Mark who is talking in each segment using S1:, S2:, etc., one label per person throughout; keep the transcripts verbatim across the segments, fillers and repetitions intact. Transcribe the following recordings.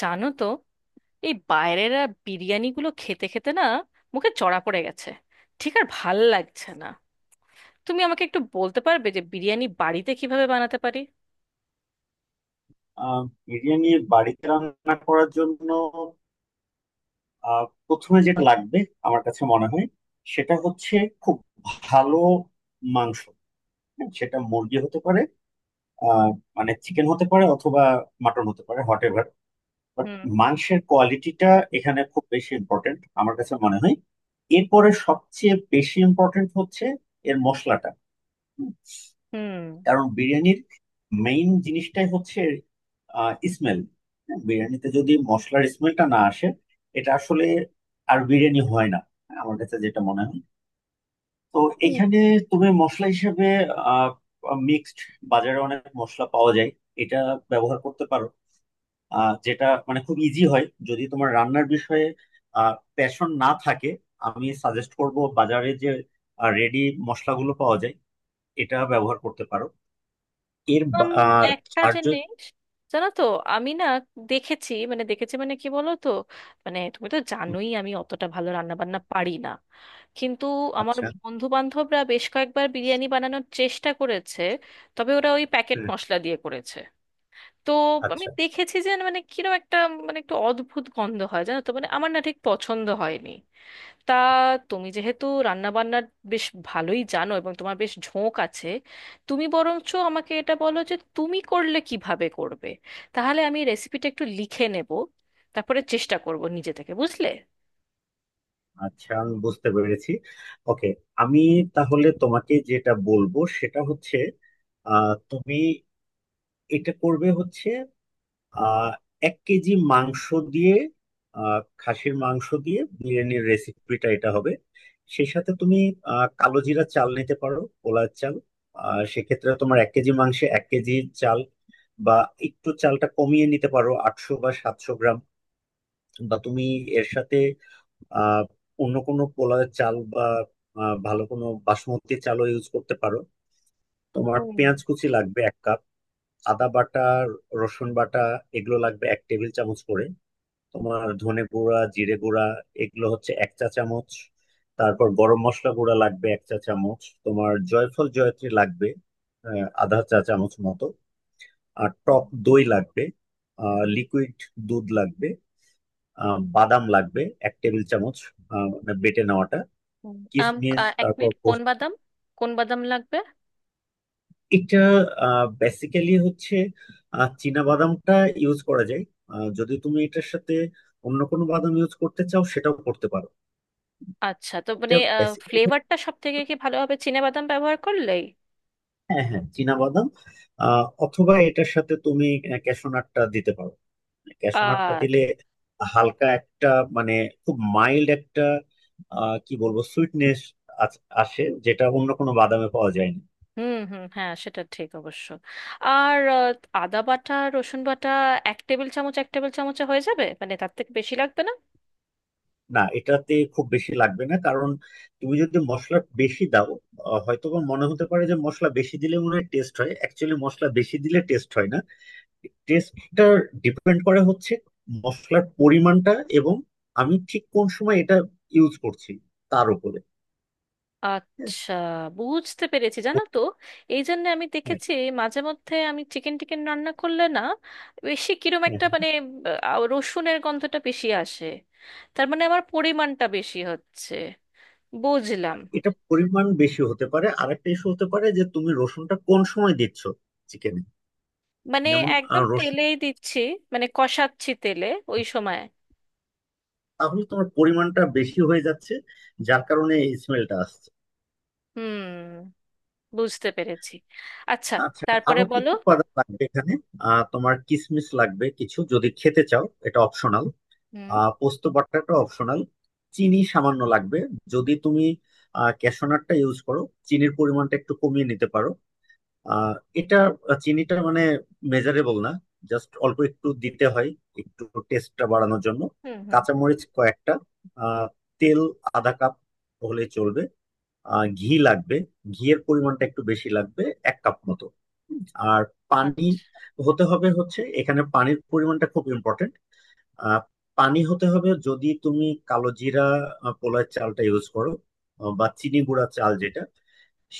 S1: জানো তো, এই বাইরের আর বিরিয়ানিগুলো খেতে খেতে না মুখে চড়া পড়ে গেছে, ঠিক আর ভাল লাগছে না। তুমি আমাকে একটু বলতে পারবে যে বিরিয়ানি বাড়িতে কিভাবে বানাতে পারি?
S2: আহ বিরিয়ানি বাড়িতে রান্না করার জন্য আহ প্রথমে যেটা লাগবে আমার কাছে মনে হয় সেটা হচ্ছে খুব ভালো মাংস। হ্যাঁ, সেটা মুরগি হতে পারে। আহ মানে চিকেন হতে পারে অথবা মাটন হতে পারে হোয়াট এভার বাট
S1: হুম
S2: মাংসের কোয়ালিটিটা এখানে খুব বেশি ইম্পর্টেন্ট আমার কাছে মনে হয়। এরপরে সবচেয়ে বেশি ইম্পর্টেন্ট হচ্ছে এর মশলাটা।
S1: হুম
S2: কারণ বিরিয়ানির মেইন জিনিসটাই হচ্ছে স্মেল। বিরিয়ানিতে যদি মশলার স্মেলটা না আসে এটা আসলে আর বিরিয়ানি হয় না আমার কাছে যেটা মনে হয়। তো
S1: হুম,
S2: এখানে তুমি মশলা হিসেবে আহ মিক্সড বাজারে অনেক মশলা পাওয়া যায় এটা ব্যবহার করতে পারো। আহ যেটা মানে খুব ইজি হয় যদি তোমার রান্নার বিষয়ে আহ প্যাশন না থাকে আমি সাজেস্ট করব বাজারে যে রেডি মশলাগুলো পাওয়া যায় এটা ব্যবহার করতে পারো। এর
S1: আম,
S2: বা- আহ,
S1: একটা
S2: আর যদি
S1: জিনিস, জানো তো, আমি না দেখেছি মানে দেখেছি, মানে কি বলো তো, মানে তুমি তো জানোই আমি অতটা ভালো রান্না বান্না পারি না, কিন্তু আমার
S2: আচ্ছা
S1: বন্ধু বান্ধবরা বেশ কয়েকবার বিরিয়ানি বানানোর চেষ্টা করেছে, তবে ওরা ওই প্যাকেট
S2: হুম,
S1: মশলা দিয়ে করেছে। তো আমি
S2: আচ্ছা
S1: দেখেছি যে মানে কিরকম একটা, মানে একটু অদ্ভুত গন্ধ হয়, জানো তো, মানে আমার না ঠিক পছন্দ হয়নি। তা তুমি যেহেতু রান্না বান্নার বেশ ভালোই জানো এবং তোমার বেশ ঝোঁক আছে, তুমি বরঞ্চ আমাকে এটা বলো যে তুমি করলে কিভাবে করবে, তাহলে আমি রেসিপিটা একটু লিখে নেব, তারপরে চেষ্টা করব নিজে থেকে, বুঝলে?
S2: আচ্ছা আমি বুঝতে পেরেছি। ওকে, আমি তাহলে তোমাকে যেটা বলবো সেটা হচ্ছে আহ, তুমি এটা করবে হচ্ছে আহ, এক কেজি মাংস দিয়ে, আহ, খাসির মাংস দিয়ে বিরিয়ানির রেসিপিটা এটা হবে। সেই সাথে তুমি আহ, কালো জিরা চাল নিতে পারো কলার চাল। আর সেক্ষেত্রে তোমার এক কেজি মাংসে এক কেজি চাল, বা একটু চালটা কমিয়ে নিতে পারো আটশো বা সাতশো গ্রাম। বা তুমি এর সাথে আহ অন্য কোনো পোলার চাল বা আহ, ভালো কোনো বাসমতি চালও ইউজ করতে পারো। তোমার
S1: হুম,
S2: পেঁয়াজ কুচি লাগবে এক কাপ। আদা বাটা, রসুন বাটা, এগুলো লাগবে এক টেবিল চামচ করে। তোমার ধনে গুঁড়া, জিরে গুঁড়া, এগুলো হচ্ছে এক চা চামচ। তারপর গরম মশলা গুঁড়া লাগবে এক চা চামচ। তোমার জয়ফল জয়ত্রী লাগবে আহ, আধা চা চামচ মতো। আর টক
S1: হুম,
S2: দই লাগবে। লিকুইড দুধ লাগবে। আহ, বাদাম লাগবে এক টেবিল চামচ, আহ, মানে বেটে নেওয়াটা।
S1: হুম। আম
S2: কিসমিস,
S1: আ, এক
S2: তারপর
S1: মিনিট, কোন
S2: পোস্ত।
S1: বাদাম? কোন বাদাম লাগবে?
S2: এটা বেসিক্যালি হচ্ছে আহ, চীনা বাদামটা ইউজ করা যায়। আহ, যদি তুমি এটার সাথে অন্য কোনো বাদাম ইউজ করতে চাও সেটাও করতে পারো।
S1: আচ্ছা, তো মানে
S2: এটা বেসিক্যালি
S1: ফ্লেভারটা সব থেকে কি ভালো হবে চিনে বাদাম ব্যবহার করলেই?
S2: হ্যাঁ, হ্যাঁ, চীনা বাদাম। আহ, অথবা এটার সাথে তুমি ক্যাশনাটটা দিতে পারো। ক্যাশনাটটা দিলে হালকা একটা, মানে খুব মাইল্ড একটা, আহ, কি বলবো সুইটনেস আসে যেটা অন্য কোনো বাদামে পাওয়া যায় না।
S1: হুম হুম, হ্যাঁ সেটা ঠিক অবশ্য। আর আহ, আদা বাটা রসুন বাটা এক টেবিল চামচ এক টেবিল চামচে হয়ে যাবে? মানে তার থেকে বেশি লাগবে না?
S2: না, এটাতে খুব বেশি লাগবে না কারণ তুমি যদি মশলা বেশি দাও আহ, হয়তো বা মনে হতে পারে যে মশলা বেশি দিলে মনে হয় টেস্ট হয়, অ্যাকচুয়ালি মশলা বেশি দিলে টেস্ট হয় না। টেস্টটা ডিপেন্ড করে হচ্ছে মশলার পরিমাণটা এবং আমি ঠিক কোন সময় এটা ইউজ করছি তার উপরে। হ্যাঁ,
S1: আচ্ছা, বুঝতে পেরেছি। জানো তো, এই জন্য আমি
S2: হ্যাঁ,
S1: দেখেছি মাঝে মধ্যে আমি চিকেন টিকেন রান্না করলে না বেশি কিরম
S2: হ্যাঁ।
S1: একটা,
S2: হ্যাঁ।
S1: মানে আহ, রসুনের গন্ধটা বেশি আসে। তার মানে আমার পরিমাণটা বেশি হচ্ছে, বুঝলাম।
S2: এটা পরিমাণ বেশি হতে পারে। আরেকটা ইস্যু হতে পারে যে তুমি রসুনটা কোন সময় দিচ্ছ চিকেনে।
S1: মানে
S2: যেমন আহ,
S1: একদম
S2: রসুন,
S1: তেলেই দিচ্ছি, মানে কষাচ্ছি তেলে, ওই সময়।
S2: তাহলে তোমার পরিমাণটা বেশি হয়ে যাচ্ছে যার কারণে এই স্মেলটা আসছে।
S1: হুম, বুঝতে পেরেছি। আচ্ছা,
S2: আচ্ছা।
S1: তারপরে
S2: আরো
S1: বলো।
S2: কিছু উপাদান লাগবে এখানে। আহ, তোমার কিশমিশ লাগবে কিছু যদি খেতে চাও, এটা অপশনাল।
S1: হুম
S2: আহ পোস্ত বাটাটা অপশনাল। চিনি সামান্য লাগবে। যদি তুমি আহ ক্যাশনারটা ইউজ করো চিনির পরিমাণটা একটু কমিয়ে নিতে পারো। আহ, এটা আহ, চিনিটা মানে মেজারেবল না, জাস্ট অল্প একটু দিতে হয় একটু টেস্টটা বাড়ানোর জন্য।
S1: হুম হুম হুম।
S2: কাঁচামরিচ কয়েকটা। আহ, তেল আধা কাপ হলে চলবে। আহ ঘি লাগবে। ঘিয়ের পরিমাণটা একটু বেশি লাগবে, এক কাপ মতো। হুম, আর পানি
S1: আচ্ছা।
S2: হতে হবে হচ্ছে, এখানে পানির পরিমাণটা খুব ইম্পর্টেন্ট। পানি হতে হবে যদি তুমি কালো জিরা আহ, পোলার চালটা ইউজ করো, আহ, বা চিনি গুঁড়া চাল যেটা,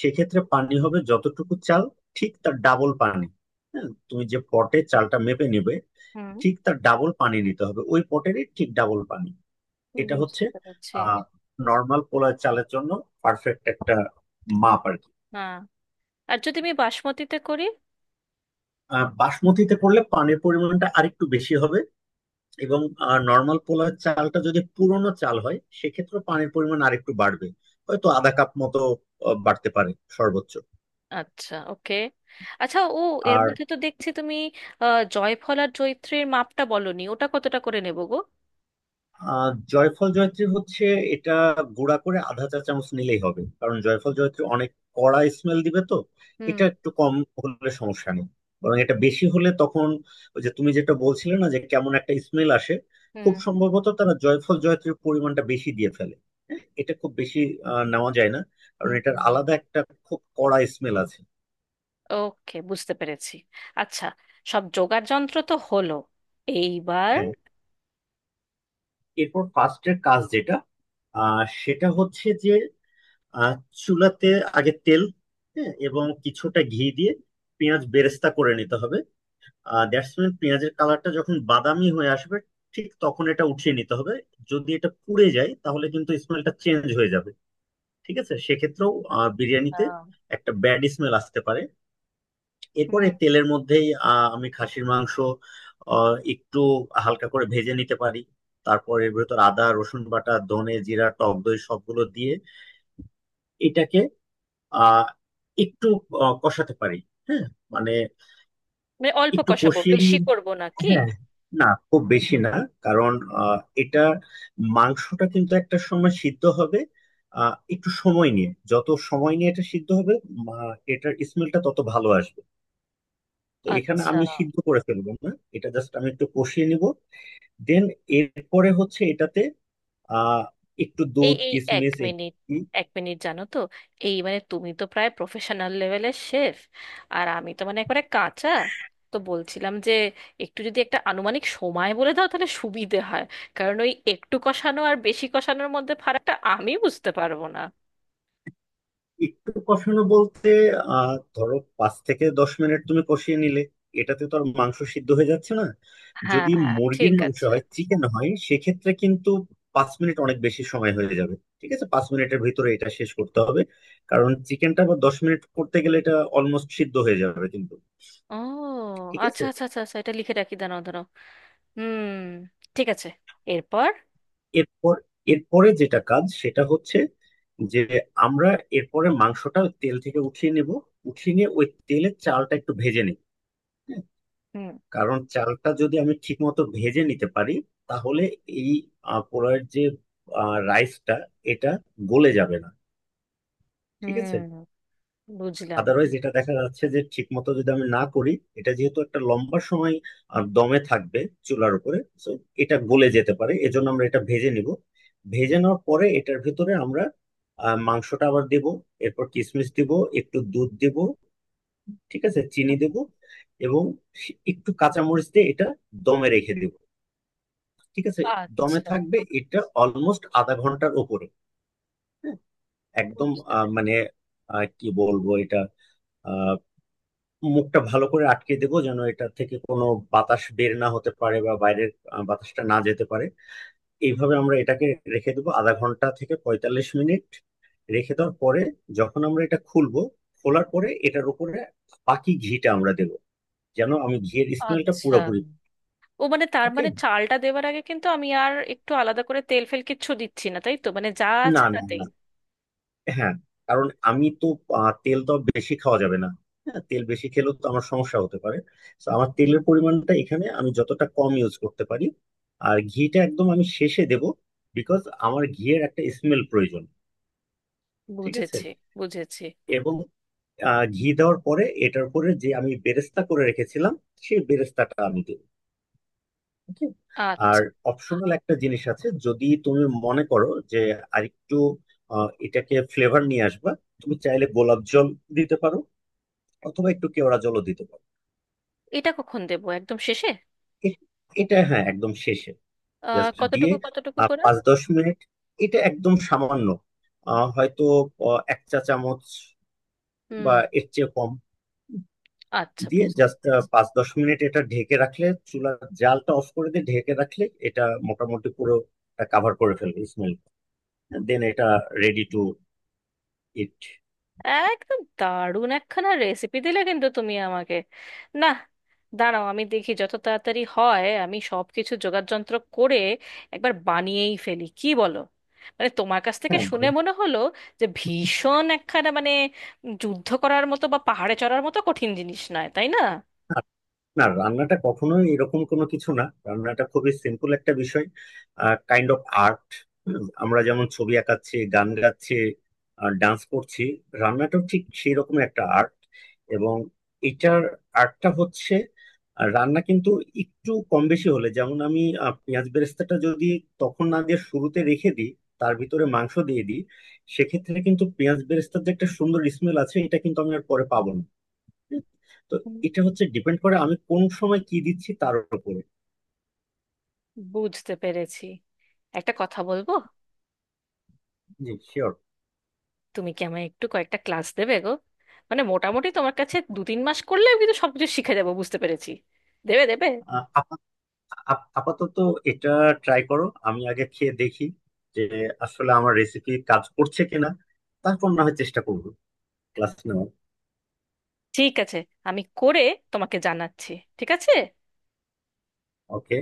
S2: সেক্ষেত্রে পানি হবে যতটুকু চাল ঠিক তার ডাবল পানি। হ্যাঁ, তুমি যে পটে চালটা মেপে নিবে
S1: হুম,
S2: ঠিক তার ডাবল পানি নিতে হবে, ওই পটেরই ঠিক ডাবল পানি। এটা হচ্ছে
S1: বুঝতে পেরেছি।
S2: আহ নর্মাল পোলার চালের জন্য পারফেক্ট একটা মাপ আর কি।
S1: হ্যাঁ। আর যদি আমি বাসমতিতে করি?
S2: আহ, বাসমতিতে করলে পানির পরিমাণটা আরেকটু বেশি হবে, এবং নর্মাল পোলার চালটা যদি পুরনো চাল হয় সেক্ষেত্রে পানির পরিমাণ আরেকটু বাড়বে, হয়তো আধা কাপ মতো আহ, বাড়তে পারে সর্বোচ্চ।
S1: আচ্ছা, ওকে। আচ্ছা, ও, এর
S2: আর
S1: মধ্যে তো দেখছি তুমি আহ, জয়ফল আর জয়িত্রীর মাপটা বলনি, ওটা কতটা করে নেব গো?
S2: আহ জয়ফল জয়ত্রী হচ্ছে এটা গুঁড়া করে আধা চা চামচ নিলেই হবে কারণ জয়ফল জয়ত্রী অনেক কড়া স্মেল দিবে তো।
S1: হুম
S2: এটা একটু কম হলে সমস্যা নেই, বরং এটা বেশি হলে তখন ওই যে তুমি যেটা বলছিলে না যে কেমন একটা স্মেল আসে, খুব
S1: হুম
S2: সম্ভবত তারা জয়ফল জয়ত্রীর পরিমাণটা বেশি দিয়ে ফেলে। হ্যাঁ, এটা খুব বেশি আহ, নেওয়া যায় না
S1: হুম
S2: কারণ এটার
S1: হুম।
S2: আলাদা একটা খুব কড়া স্মেল আছে।
S1: ওকে, বুঝতে পেরেছি। আচ্ছা, সব জোগাড় যন্ত্র তো হলো, এইবার?
S2: হ্যাঁ। এরপর ফার্স্টের কাজ যেটা আহ সেটা হচ্ছে যে, আর চুলাতে আগে তেল, হ্যাঁ, এবং কিছুটা ঘি দিয়ে পেঁয়াজ বেরেস্তা করে নিতে হবে। আর দ্যাটস মিন পেঁয়াজের কালারটা যখন বাদামি হয়ে আসবে ঠিক তখন এটা উঠিয়ে নিতে হবে। যদি এটা পুড়ে যায় তাহলে কিন্তু স্মেলটা চেঞ্জ হয়ে যাবে। ঠিক আছে, সেক্ষেত্রেও আহ, বিরিয়ানিতে
S1: আচ্ছা।
S2: একটা ব্যাড স্মেল আসতে পারে। এরপরে
S1: হুম।
S2: তেলের মধ্যেই আহ, আমি খাসির মাংস আহ, একটু হালকা করে ভেজে নিতে পারি। তারপর এর ভেতর আদা রসুন বাটা, ধনে জিরা, টক দই সবগুলো দিয়ে এটাকে আহ একটু আহ, কষাতে পারি। হ্যাঁ, মানে
S1: মানে অল্প
S2: একটু
S1: কষাবো
S2: কষিয়ে
S1: বেশি
S2: নিয়ে,
S1: করব না কি?
S2: হ্যাঁ, না খুব বেশি না, কারণ আহ, এটা মাংসটা কিন্তু একটা সময় সিদ্ধ হবে, আহ, একটু সময় নিয়ে, যত সময় নিয়ে এটা সিদ্ধ হবে মা- এটার স্মেলটা তত ভালো আসবে। তো এখানে
S1: আচ্ছা।
S2: আমি সিদ্ধ করে ফেলবো না। এটা জাস্ট আমি একটু কষিয়ে নিব। দেন, এরপরে হচ্ছে এটাতে আহ একটু
S1: এই
S2: দুধ,
S1: এই এক
S2: কিশমিশ।
S1: মিনিট, এক মিনিট, জানো তো, এই মানে তুমি তো প্রায় প্রফেশনাল লেভেলের শেফ, আর আমি তো মানে একবারে কাঁচা। তো বলছিলাম যে একটু যদি একটা আনুমানিক সময় বলে দাও তাহলে সুবিধে হয়, কারণ ওই একটু কষানো আর বেশি কষানোর মধ্যে ফারাকটা আমি বুঝতে পারবো না।
S2: একটু কষানো বলতে আহ ধরো পাঁচ থেকে দশ মিনিট তুমি কষিয়ে নিলে এটাতে তো আর মাংস সিদ্ধ হয়ে যাচ্ছে না।
S1: হ্যাঁ
S2: যদি
S1: হ্যাঁ, ঠিক
S2: মুরগির মাংস
S1: আছে।
S2: হয়, চিকেন হয়, সেক্ষেত্রে কিন্তু পাঁচ মিনিট অনেক বেশি সময় হয়ে যাবে। ঠিক আছে, পাঁচ মিনিটের ভিতরে এটা শেষ করতে হবে কারণ চিকেনটা আবার দশ মিনিট করতে গেলে এটা অলমোস্ট সিদ্ধ হয়ে যাবে কিন্তু।
S1: ও,
S2: ঠিক
S1: আচ্ছা
S2: আছে।
S1: আচ্ছা আচ্ছা আচ্ছা, এটা লিখে রাখি, দাঁড়াও দাঁড়াও। হুম, ঠিক আছে, এরপর?
S2: এরপর, এরপরে যেটা কাজ সেটা হচ্ছে যে আমরা এরপরে মাংসটা তেল থেকে উঠিয়ে নেব। উঠিয়ে নিয়ে ওই তেলে চালটা একটু ভেজে নিই,
S1: হুম
S2: কারণ চালটা যদি আমি ঠিক মতো ভেজে নিতে পারি তাহলে এই আহ, পোলাওয়ের যে রাইসটা, এটা গলে যাবে না। ঠিক আছে।
S1: হুম, বুঝলাম।
S2: আদারওয়াইজ এটা দেখা যাচ্ছে যে ঠিক মতো যদি আমি না করি, এটা যেহেতু একটা লম্বা সময় আহ, দমে থাকবে চুলার উপরে তো এটা গলে যেতে পারে, এজন্য আমরা এটা ভেজে নিব। ভেজে নেওয়ার পরে এটার ভিতরে আমরা আহ, মাংসটা আবার দেব। এরপর কিশমিশ দিব, একটু দুধ দেব, ঠিক আছে, চিনি
S1: হুম,
S2: দেব, এবং একটু কাঁচামরিচ দিয়ে এটা দমে রেখে দেব। ঠিক আছে। দমে
S1: আচ্ছা,
S2: থাকবে এটা অলমোস্ট আধা ঘন্টার উপরে। একদম
S1: বুঝতে
S2: আহ,
S1: পেরেছি।
S2: মানে আহ, কি বলবো, এটা আহ, মুখটা ভালো করে আটকে দেবো, যেন এটা থেকে কোনো বাতাস বের না হতে পারে বা বাইরের আহ, বাতাসটা না যেতে পারে। এইভাবে আমরা এটাকে রেখে দেবো আধা ঘন্টা থেকে পঁয়তাল্লিশ মিনিট। রেখে দেওয়ার পরে যখন আমরা এটা খুলবো, খোলার পরে এটার উপরে বাকি ঘিটা আমরা দেবো যেন আমি ঘিয়ের স্মেলটা
S1: আচ্ছা,
S2: পুরোপুরি।
S1: ও মানে তার
S2: ওকে।
S1: মানে চালটা দেওয়ার আগে কিন্তু আমি আর একটু আলাদা করে তেল ফেল কিচ্ছু দিচ্ছি না তাই তো? মানে যা আছে
S2: না, না,
S1: তাতেই।
S2: না, হ্যাঁ, কারণ আমি তো আহ, তেল তো আর বেশি খাওয়া যাবে না। হ্যাঁ, তেল বেশি খেলেও তো আমার সমস্যা হতে পারে, তো আমার
S1: হুম।
S2: তেলের পরিমাণটা এখানে আমি যতটা কম ইউজ করতে পারি। আর ঘিটা একদম আমি শেষে দেব, বিকজ আমার ঘিয়ের একটা স্মেল প্রয়োজন। ঠিক আছে।
S1: বুঝেছি, বুঝেছি।
S2: এবং আহ, ঘি দেওয়ার পরে এটার পরে যে আমি বেরেস্তা করে রেখেছিলাম সেই বেরেস্তাটা আমি দেব। ওকে।
S1: আচ্ছা,
S2: আর অপশনাল একটা জিনিস আছে, যদি তুমি মনে করো যে আরেকটু আহ, এটাকে ফ্লেভার নিয়ে আসবা, তুমি চাইলে গোলাপ জল দিতে পারো অথবা একটু কেওড়া জলও দিতে পারো।
S1: এটা কখন দেবো, একদম শেষে?
S2: এ- এটা, হ্যাঁ, একদম শেষে।
S1: আহ,
S2: জাস্ট দিয়ে
S1: কতটুকু কতটুকু
S2: আর
S1: করে?
S2: পাঁচ দশ মিনিট। এটা একদম সামান্য, আহ, হয়তো আহ, এক চা চামচ বা
S1: হুম,
S2: এর চেয়ে কম,
S1: আচ্ছা,
S2: দিয়ে
S1: বুঝতে
S2: জাস্ট
S1: পেরেছি।
S2: পাঁচ দশ মিনিট এটা ঢেকে রাখলে, চুলার জালটা অফ করে দিয়ে ঢেকে রাখলে, এটা মোটামুটি পুরো কাভার করে ফেলবে স্মেল। দেন এটা রেডি টু ইট।
S1: একদম দারুণ একখানা রেসিপি দিলে কিন্তু তুমি আমাকে। না, দাঁড়াও, আমি দেখি যত তাড়াতাড়ি হয় আমি সব কিছু যোগাড়যন্ত্র করে একবার বানিয়েই ফেলি, কি বলো? মানে তোমার কাছ থেকে
S2: হ্যাঁ।
S1: শুনে মনে হলো যে ভীষণ একখানা মানে যুদ্ধ করার মতো বা পাহাড়ে চড়ার মতো কঠিন জিনিস নয়, তাই না?
S2: না, রান্নাটা কখনোই এরকম কোনো কিছু না, রান্নাটা খুবই সিম্পল একটা বিষয়। Kind of art. আমরা যেমন ছবি আঁকাচ্ছি, গান গাচ্ছি, ডান্স করছি, রান্নাটাও ঠিক সেই রকম একটা আর্ট। এবং এটার আর্টটা হচ্ছে আহ, রান্না কিন্তু একটু কম বেশি হলে, যেমন আমি আহ, পেঁয়াজ বেরেস্তাটা যদি তখন না দিয়ে শুরুতে রেখে দিই, তার ভিতরে মাংস দিয়ে দিই, সেক্ষেত্রে কিন্তু পেঁয়াজ বেরেস্তার যে একটা সুন্দর স্মেল আছে এটা কিন্তু আমি আর পরে পাবো না। তো
S1: হুম।
S2: এটা হচ্ছে ডিপেন্ড করে আমি কোন সময় কি দিচ্ছি তার উপরে।
S1: বুঝতে পেরেছি। একটা কথা বলবো?
S2: জি শিওর।
S1: তুমি কি আমায় একটু কয়েকটা ক্লাস দেবে গো? মানে মোটামুটি তোমার কাছে দু তিন মাস করলে আমি কিন্তু সবকিছু শিখে যাবো, বুঝতে পেরেছি। দেবে, দেবে?
S2: আপাতত এটা ট্রাই করো, আমি আগে খেয়ে দেখি যে আসলে আমার রেসিপি কাজ করছে কিনা, তারপর না হয় চেষ্টা করবো ক্লাস নেওয়ার।
S1: ঠিক আছে, আমি করে তোমাকে জানাচ্ছি, ঠিক আছে?
S2: ওকে।